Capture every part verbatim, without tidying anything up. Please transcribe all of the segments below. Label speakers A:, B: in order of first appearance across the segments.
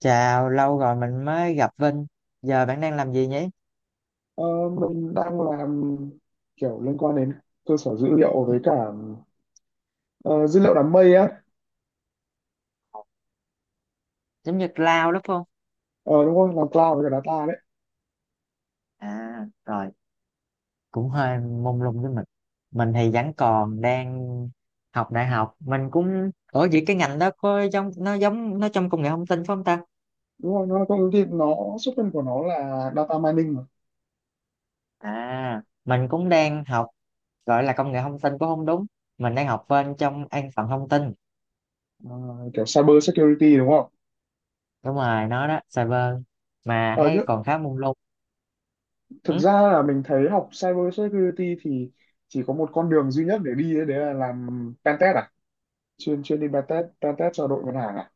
A: Chào, lâu rồi mình mới gặp Vinh. Giờ bạn đang làm gì nhỉ?
B: Ờ, mình đang làm kiểu liên quan đến cơ sở dữ liệu với cả ờ, dữ liệu đám mây á.
A: Giống như lao đúng không?
B: Ờ, đúng rồi, làm cloud với cả data đấy.
A: À, rồi, cũng hơi mông lung với mình. Mình thì vẫn còn đang học đại học. Mình cũng... Ủa vậy cái ngành đó có giống nó giống nó trong công nghệ thông tin phải không ta?
B: Đúng rồi, nó công ty nó xuất thân của nó là data mining mà.
A: À, mình cũng đang học gọi là công nghệ thông tin cũng không đúng. Mình đang học bên trong an toàn thông tin.
B: Ờ, kiểu cyber security đúng không?
A: Đúng rồi, nó đó, cyber. Mà
B: ờ,
A: thấy
B: nhưng
A: còn khá mông lung.
B: thực
A: Ừ.
B: ra là mình thấy học cyber security thì chỉ có một con đường duy nhất để đi ấy, đấy là làm pentest à, chuyên chuyên đi pentest pentest cho đội ngân hàng à.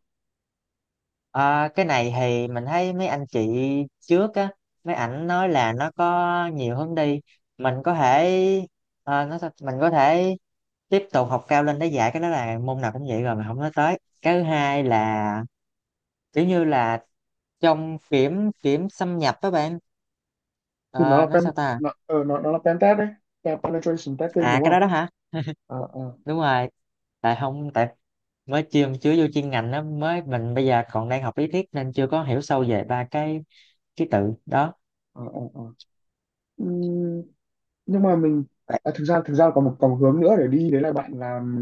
A: Ờ, cái này thì mình thấy mấy anh chị trước á, mấy ảnh nói là nó có nhiều hướng đi, mình có thể ờ, nó sao- mình có thể tiếp tục học cao lên để dạy cái đó, là môn nào cũng vậy rồi. Mình không nói tới, cái thứ hai là kiểu như là trong kiểm kiểm xâm nhập các bạn.
B: Thì nó là
A: Ờ, nói
B: pen,
A: sao ta.
B: nó, ờ, nó, nó là pentest đấy. Pen- penetration testing
A: À,
B: đúng
A: cái
B: không?
A: đó đó hả?
B: Ờ ờ
A: Đúng rồi. Tại không tại mới chưa chưa vô chuyên ngành á, mới mình bây giờ còn đang học lý thuyết nên chưa có hiểu sâu về ba cái ký tự đó.
B: ờ ờ. Ờ. Nhưng mà mình, à, thực ra thực ra còn một còn một hướng nữa để đi, đấy là bạn làm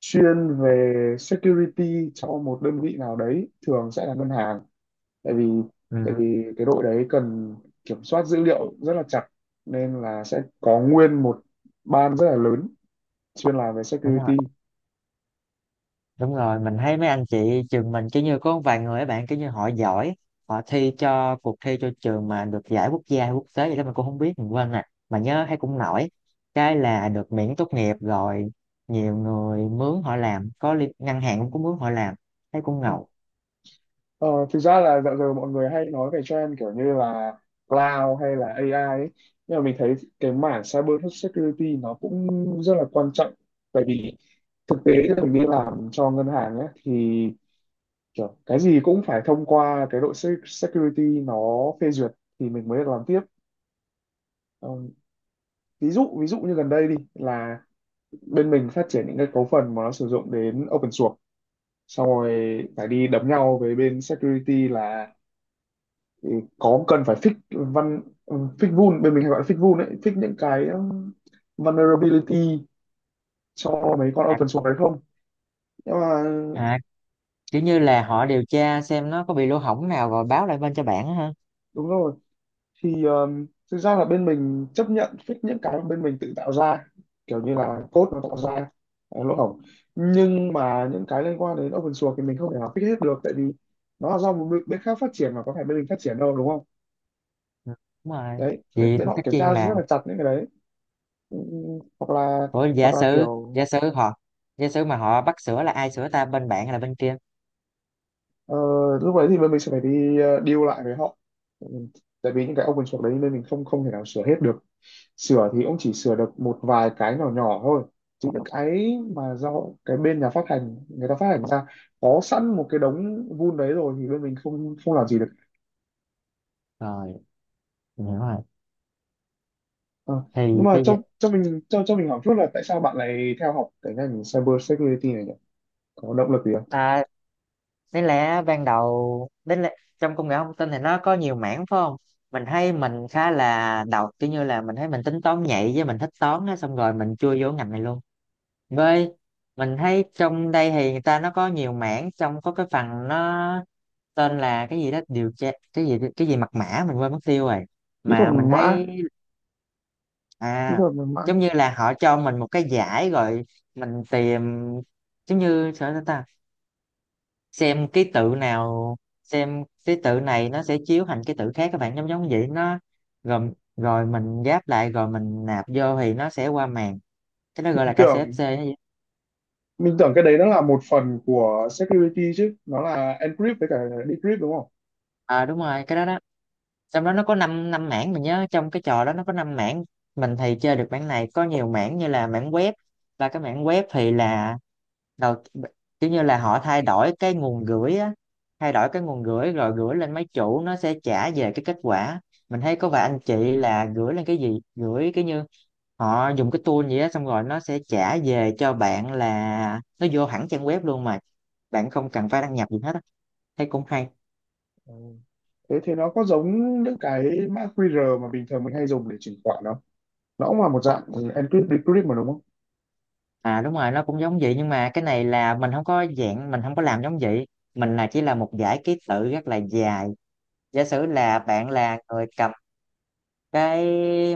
B: chuyên về security cho một đơn vị nào đấy, thường sẽ là ngân hàng. tại vì tại
A: Ừ.
B: vì cái đội đấy cần kiểm soát dữ liệu rất là chặt, nên là sẽ có nguyên một ban rất là lớn chuyên làm về
A: Đúng rồi,
B: security.
A: đúng rồi, mình thấy mấy anh chị trường mình kiểu như có vài người, các bạn kiểu như họ giỏi, họ thi cho cuộc thi cho trường mà được giải quốc gia hay quốc tế gì đó mình cũng không biết, mình quên nè, mà nhớ thấy cũng nổi. Cái là được miễn tốt nghiệp rồi, nhiều người mướn họ làm có liên, ngân hàng cũng có mướn họ làm, thấy cũng ngầu.
B: Ờ, thực ra là dạo giờ mọi người hay nói về trend kiểu như là cloud hay là a i ấy. Nhưng mà mình thấy cái mảng cyber security nó cũng rất là quan trọng, tại vì thực tế là mình đi làm cho ngân hàng ấy, thì kiểu cái gì cũng phải thông qua cái đội se- security nó phê duyệt thì mình mới được làm tiếp. Ờ, ví dụ ví dụ như gần đây đi là bên mình phát triển những cái cấu phần mà nó sử dụng đến open source, xong rồi phải đi đấm nhau với bên security là thì có cần phải fix văn, fix vun, bên mình hay gọi là fix vun ấy, fix những cái um, vulnerability cho mấy con
A: À,
B: open source đấy không. Nhưng mà
A: à, kiểu như là họ điều tra xem nó có bị lỗ hổng nào rồi báo lại bên cho bạn á ha.
B: đúng rồi. Thì um, thực ra là bên mình chấp nhận fix những cái mà bên mình tự tạo ra, kiểu như là code nó tạo ra ờ, lỗ hổng. Nhưng mà những cái liên quan đến open source thì mình không thể nào fix hết được, tại vì nó là do một bên bên khác phát triển mà có phải bên mình phát triển đâu đúng không.
A: Ừ, đúng rồi.
B: Đấy, bên,
A: Thì
B: bên họ
A: tất
B: kiểm
A: nhiên
B: tra rất
A: là
B: là chặt những cái đấy. Ừ, hoặc là,
A: ủa
B: hoặc
A: giả
B: là
A: sử,
B: kiểu.
A: giả sử họ, giả sử mà họ bắt sửa là ai sửa ta, bên bạn hay là bên kia?
B: Ờ, lúc đấy thì bên mình sẽ phải đi ờ, deal lại với họ. Ừ, tại vì những cái open source đấy nên mình không không thể nào sửa hết được. Sửa thì cũng chỉ sửa được một vài cái nhỏ nhỏ thôi, chứ những cái mà do cái bên nhà phát hành người ta phát hành ra có sẵn một cái đống vun đấy rồi thì bên mình không không làm gì được.
A: Rồi, mình hiểu rồi.
B: Ờ, nhưng
A: Thì
B: mà
A: cái dạ-
B: cho cho mình cho cho mình hỏi chút là tại sao bạn lại theo học cái ngành cyber security này nhỉ, có động lực gì không?
A: À, đáng lẽ ban đầu đến lẽ, trong công nghệ thông tin thì nó có nhiều mảng phải không? Mình thấy mình khá là đầu, kiểu như là mình thấy mình tính toán nhạy với mình thích toán á, xong rồi mình chui vô ngành này luôn. Với mình thấy trong đây thì người ta nó có nhiều mảng, trong có cái phần nó tên là cái gì đó điều tra, cái gì cái gì mật mã mình quên mất tiêu rồi,
B: Kỹ thuật
A: mà
B: mật
A: mình
B: mã.
A: thấy.
B: Kỹ
A: À,
B: thuật mật mã.
A: giống như là họ cho mình một cái giải rồi mình tìm, giống như sao ta, xem ký tự nào, xem ký tự này nó sẽ chiếu thành ký tự khác các bạn, giống giống vậy, nó gồm rồi mình ghép lại rồi mình nạp vô thì nó sẽ qua màn. Cái đó gọi là
B: Tưởng,
A: ca xê ép xê hay gì.
B: mình tưởng cái đấy nó là một phần của security chứ, nó là encrypt với cả decrypt đúng không.
A: À, đúng rồi cái đó đó. Trong đó nó có 5 năm năm mảng, mình nhớ trong cái trò đó nó có năm mảng. Mình thì chơi được mảng này, có nhiều mảng như là mảng web. Và cái mảng web thì là đầu, kiểu như là họ thay đổi cái nguồn gửi á, thay đổi cái nguồn gửi rồi gửi lên mấy chủ, nó sẽ trả về cái kết quả. Mình thấy có vài anh chị là gửi lên cái gì, gửi cái như họ dùng cái tool gì á, xong rồi nó sẽ trả về cho bạn là nó vô hẳn trang web luôn mà bạn không cần phải đăng nhập gì hết á, thấy cũng hay.
B: Ừ. Thế thì nó có giống những cái mã quy rờ mà bình thường mình hay dùng để chuyển khoản không? Nó cũng là một dạng encrypt decrypt mà đúng không.
A: À, đúng rồi nó cũng giống vậy, nhưng mà cái này là mình không có dạng, mình không có làm giống vậy. Mình là chỉ là một dãy ký tự rất là dài. Giả sử là bạn là người cầm cái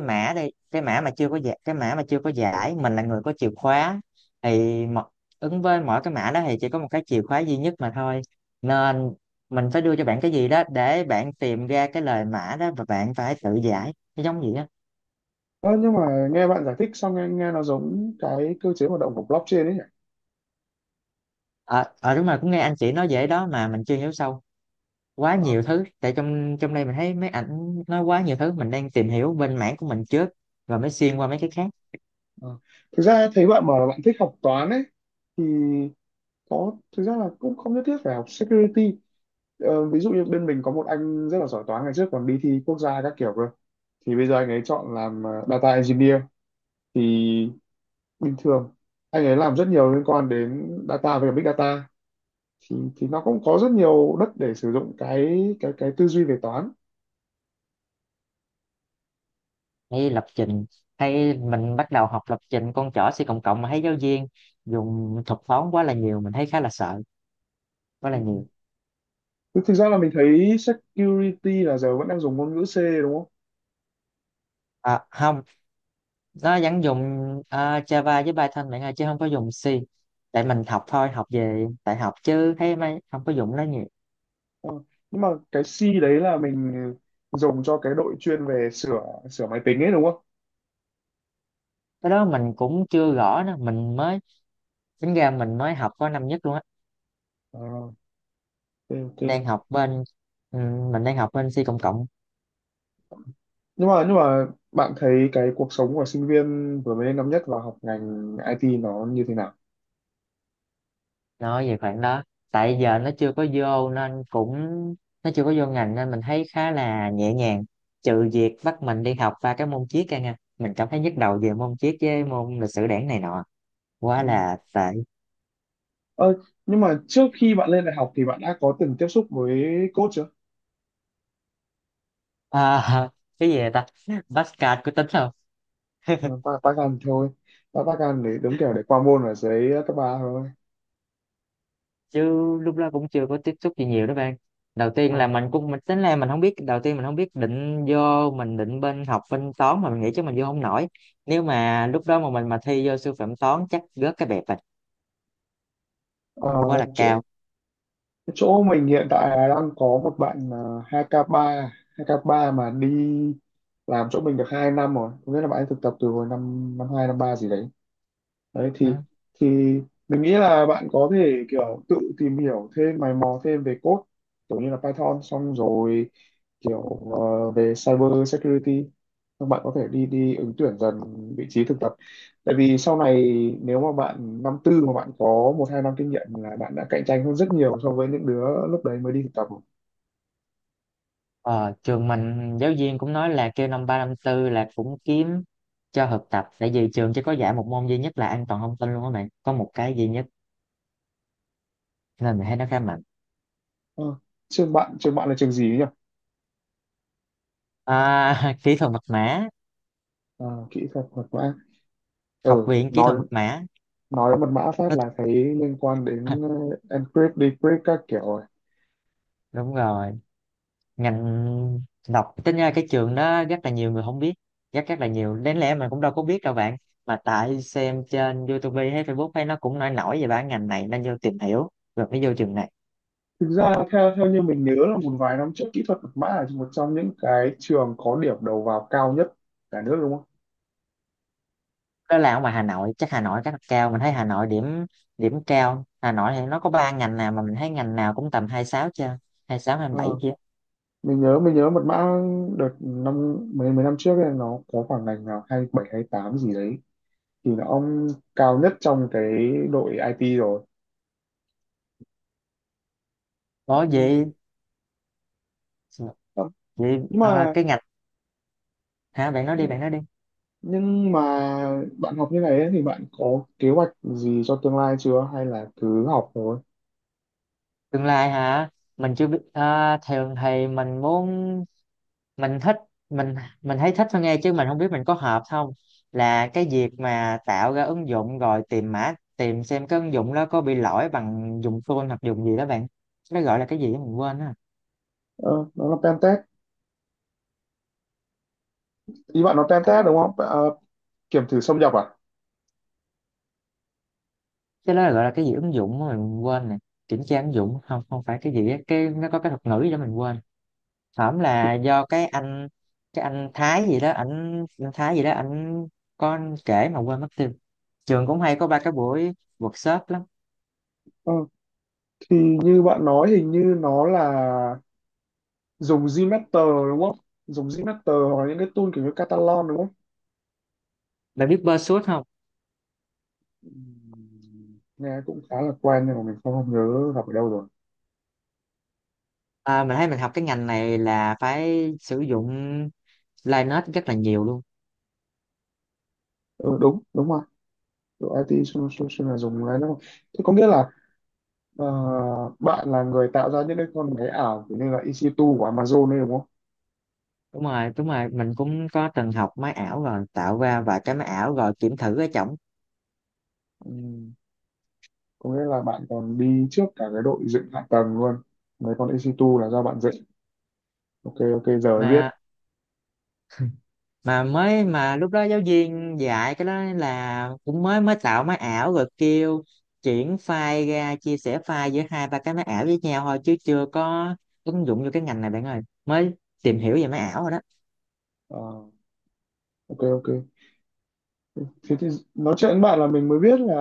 A: mã đây, cái mã mà chưa có giải, cái mã mà chưa có giải, mình là người có chìa khóa. Thì mo- ứng với mỗi cái mã đó thì chỉ có một cái chìa khóa duy nhất mà thôi, nên mình phải đưa cho bạn cái gì đó để bạn tìm ra cái lời mã đó và bạn phải tự giải nó giống gì á.
B: Ờ, nhưng mà nghe bạn giải thích xong nghe, nghe nó giống cái cơ chế hoạt động của blockchain ấy nhỉ.
A: Ờ ờ đúng rồi, cũng nghe anh chị nói vậy đó mà mình chưa hiểu sâu, quá
B: Ờ.
A: nhiều thứ, tại trong trong đây mình thấy mấy ảnh nói quá nhiều thứ, mình đang tìm hiểu bên mảng của mình trước rồi mới xuyên qua mấy cái khác.
B: Ờ. thực ra thấy bạn bảo là bạn thích học toán ấy, thì có, thực ra là cũng không nhất thiết phải học security. Ờ, ví dụ như bên mình có một anh rất là giỏi toán, ngày trước còn đi thi quốc gia các kiểu cơ, thì bây giờ anh ấy chọn làm ờ, data engineer. Thì bình thường anh ấy làm rất nhiều liên quan đến data, về big data, thì thì nó cũng có rất nhiều đất để sử dụng cái cái cái tư duy về toán.
A: Hay lập trình, hay mình bắt đầu học lập trình con chỏ C cộng cộng mà thấy giáo viên dùng thuật toán quá là nhiều, mình thấy khá là sợ, quá
B: Ừ.
A: là nhiều.
B: Thực thực ra là mình thấy security là giờ vẫn đang dùng ngôn ngữ C đúng không?
A: À, không, nó vẫn dùng à, Java với Python bạn ơi, chứ không có dùng C. Tại mình học thôi, học về đại học chứ thấy mấy không có dùng nó nhiều.
B: Ờ, nhưng mà cái C đấy là mình dùng cho cái đội chuyên về sửa sửa máy tính ấy đúng không?
A: Cái đó mình cũng chưa rõ nữa, mình mới, tính ra mình mới học có năm nhất luôn á.
B: Ờ, ok, ok.
A: Đang học bên ừ, mình đang học bên C cộng cộng.
B: Nhưng mà nhưng mà bạn thấy cái cuộc sống của sinh viên vừa mới lên năm nhất và học ngành i tê nó như thế nào?
A: Nói về khoảng đó, tại giờ nó chưa có vô nên cũng, nó chưa có vô ngành nên mình thấy khá là nhẹ nhàng, trừ việc bắt mình đi học ba cái môn triết ra nha, mình cảm thấy nhức đầu về môn triết với môn lịch sử đảng này nọ, quá là tệ.
B: Ờ, nhưng mà trước khi bạn lên đại học thì bạn đã có từng tiếp xúc với code chưa?
A: À, cái gì vậy ta, Pascal có tính không?
B: Ờ, ta Python thôi. Ta Python để đúng kiểu để qua môn ở dưới cấp ba thôi.
A: Chứ lúc đó cũng chưa có tiếp xúc gì nhiều đó bạn. Đầu tiên là
B: Ờ,
A: mình cũng mình tính là mình không biết, đầu tiên mình không biết định vô, mình định bên học bên toán mà mình nghĩ chứ mình vô không nổi. Nếu mà lúc đó mà mình mà thi vô sư phạm toán chắc rớt cái bẹp,
B: ờ,
A: quá là
B: chỗ
A: cao.
B: chỗ mình hiện tại là đang có một bạn ờ, hai k ba, hai k ba mà đi làm chỗ mình được hai năm rồi. Có nghĩa là bạn ấy thực tập từ hồi năm năm hai năm ba gì đấy. Đấy
A: Ừ.
B: thì thì mình nghĩ là bạn có thể kiểu tự tìm hiểu thêm, mày mò thêm về code kiểu như là Python, xong rồi kiểu ờ, về cyber security. Xong bạn có thể đi đi ứng tuyển dần vị trí thực tập, tại vì sau này nếu mà bạn năm tư mà bạn có một hai năm kinh nghiệm là bạn đã cạnh tranh hơn rất nhiều so với những đứa lúc đấy mới đi thực tập rồi.
A: Ờ, trường mình giáo viên cũng nói là kêu năm ba năm tư là cũng kiếm cho thực tập, tại vì trường chỉ có dạy một môn duy nhất là an toàn thông tin luôn á, mày có một cái duy nhất nên mình thấy nó khá mạnh.
B: Ờ, trường bạn trường bạn là trường gì ấy nhỉ.
A: À, kỹ thuật mật mã.
B: À, kỹ thuật thuật mã.
A: Học
B: Ừ,
A: viện kỹ
B: nói
A: thuật mật mã.
B: nói mật mã phát
A: Nó,
B: là thấy liên quan đến ờ, encrypt decrypt các kiểu rồi.
A: đúng rồi. Ngành đọc tính ra cái trường đó rất là nhiều người không biết, rất rất là nhiều, đến lẽ mình cũng đâu có biết đâu bạn. Mà tại xem trên YouTube hay Facebook hay nó cũng nổi nổi về bản ngành này nên vô tìm hiểu, rồi mới vô trường này.
B: Thực ra theo theo như mình nhớ là một vài năm trước kỹ thuật mật mã là một trong những cái trường có điểm đầu vào cao nhất cả nước đúng không.
A: Đó là ở ngoài Hà Nội chắc, Hà Nội chắc là cao, mình thấy Hà Nội điểm, điểm cao. Hà Nội thì nó có ba ngành nào mà mình thấy ngành nào cũng tầm hai sáu chưa, hai sáu hai bảy
B: Ờ,
A: chưa.
B: mình nhớ mình nhớ mật mã đợt năm mấy, mấy năm trước ấy, nó có khoảng ngành nào hai bảy hay tám gì đấy thì là ông cao nhất trong cái đội ai ti rồi.
A: Có
B: Ừ,
A: gì vậy
B: nhưng
A: ờ,
B: mà
A: cái ngành, hả, bạn nói đi,
B: nhưng
A: bạn nói đi.
B: nhưng mà bạn học như này ấy, thì bạn có kế hoạch gì cho tương lai chưa hay là cứ học thôi.
A: Tương lai hả, mình chưa biết ờ, thường thì mình muốn, mình thích, mình mình thấy thích thôi nghe chứ mình không biết mình có hợp không, là cái việc mà tạo ra ứng dụng rồi tìm mã, tìm xem cái ứng dụng đó có bị lỗi bằng dùng phone hoặc dùng gì đó bạn, nó gọi là cái gì đó mình quên.
B: Ờ, nó làm tem test, ý bạn nó tem test đúng
A: Á,
B: không? À, kiểm thử xâm nhập à.
A: cái đó là gọi là cái gì ứng dụng mà mình quên nè, kiểm tra ứng dụng không, không phải cái gì á, cái nó có cái thuật ngữ gì đó mình quên. Hổm
B: thì,
A: là do cái anh, cái anh Thái gì đó ảnh, anh Thái gì đó ảnh có kể mà quên mất tiêu. Trường cũng hay có ba cái buổi workshop lắm.
B: ờ, thì như bạn nói hình như nó là dùng Gmeter đúng không, dùng Gmeter hoặc là những cái tool kiểu như Catalan đúng không.
A: Bạn biết Pursuit không?
B: Ừm, nghe cũng khá là quen nhưng mà mình không, không nhớ gặp ở đâu rồi.
A: À, mình thấy mình học cái ngành này là phải sử dụng Linux rất là nhiều luôn.
B: Ừ, đúng đúng rồi. Độ i tê solution là dùng cái đó. Thế có nghĩa là ờ, bạn là người tạo ra những cái con máy ảo kiểu như là i si hai của Amazon đấy đúng
A: Đúng rồi, đúng rồi mình cũng có từng học máy ảo rồi, tạo ra vài cái máy ảo rồi kiểm thử ở trỏng.
B: không. Có nghĩa là bạn còn đi trước cả cái đội dựng hạ tầng luôn, mấy con e xê hai là do bạn dựng. Ok, ok, giờ mới biết.
A: mà mà mới mà lúc đó giáo viên dạy cái đó là cũng mới, mới tạo máy ảo rồi kêu chuyển file ra, chia sẻ file giữa hai ba cái máy ảo với nhau thôi chứ chưa có ứng dụng vô cái ngành này bạn ơi, mới tìm hiểu về máy ảo rồi đó.
B: Ờ, ok, ok. Thế thì nói chuyện với bạn là mình mới biết là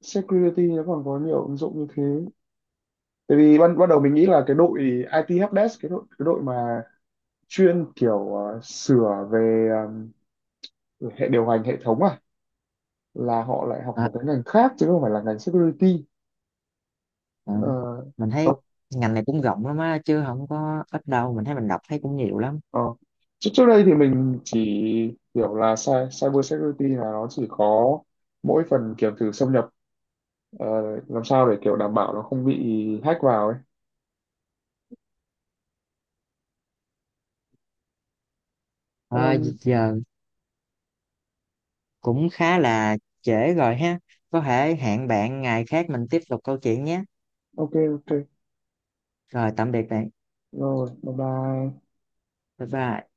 B: security nó còn có nhiều ứng dụng như thế, tại vì ban ban đầu mình nghĩ là cái đội i tê helpdesk, cái đội cái đội mà chuyên kiểu ờ, sửa về ờ, hệ điều hành, hệ thống à, là họ lại học
A: À,
B: một cái ngành khác chứ không phải là ngành security.
A: à, mình
B: Ờ.
A: thấy ngành này cũng rộng lắm á chứ không có ít đâu, mình thấy mình đọc thấy cũng nhiều lắm.
B: Ờ. Trước trước đây thì mình chỉ hiểu là cy- cyber security là nó chỉ có mỗi phần kiểu thử xâm nhập, ờ, làm sao để kiểu đảm bảo nó không bị hack vào ấy.
A: À,
B: Ờm,
A: giờ cũng khá là trễ rồi ha, có thể hẹn bạn ngày khác mình tiếp tục câu chuyện nhé.
B: ok ok
A: Rồi, tạm biệt bạn.
B: rồi bye bye.
A: Bye bye.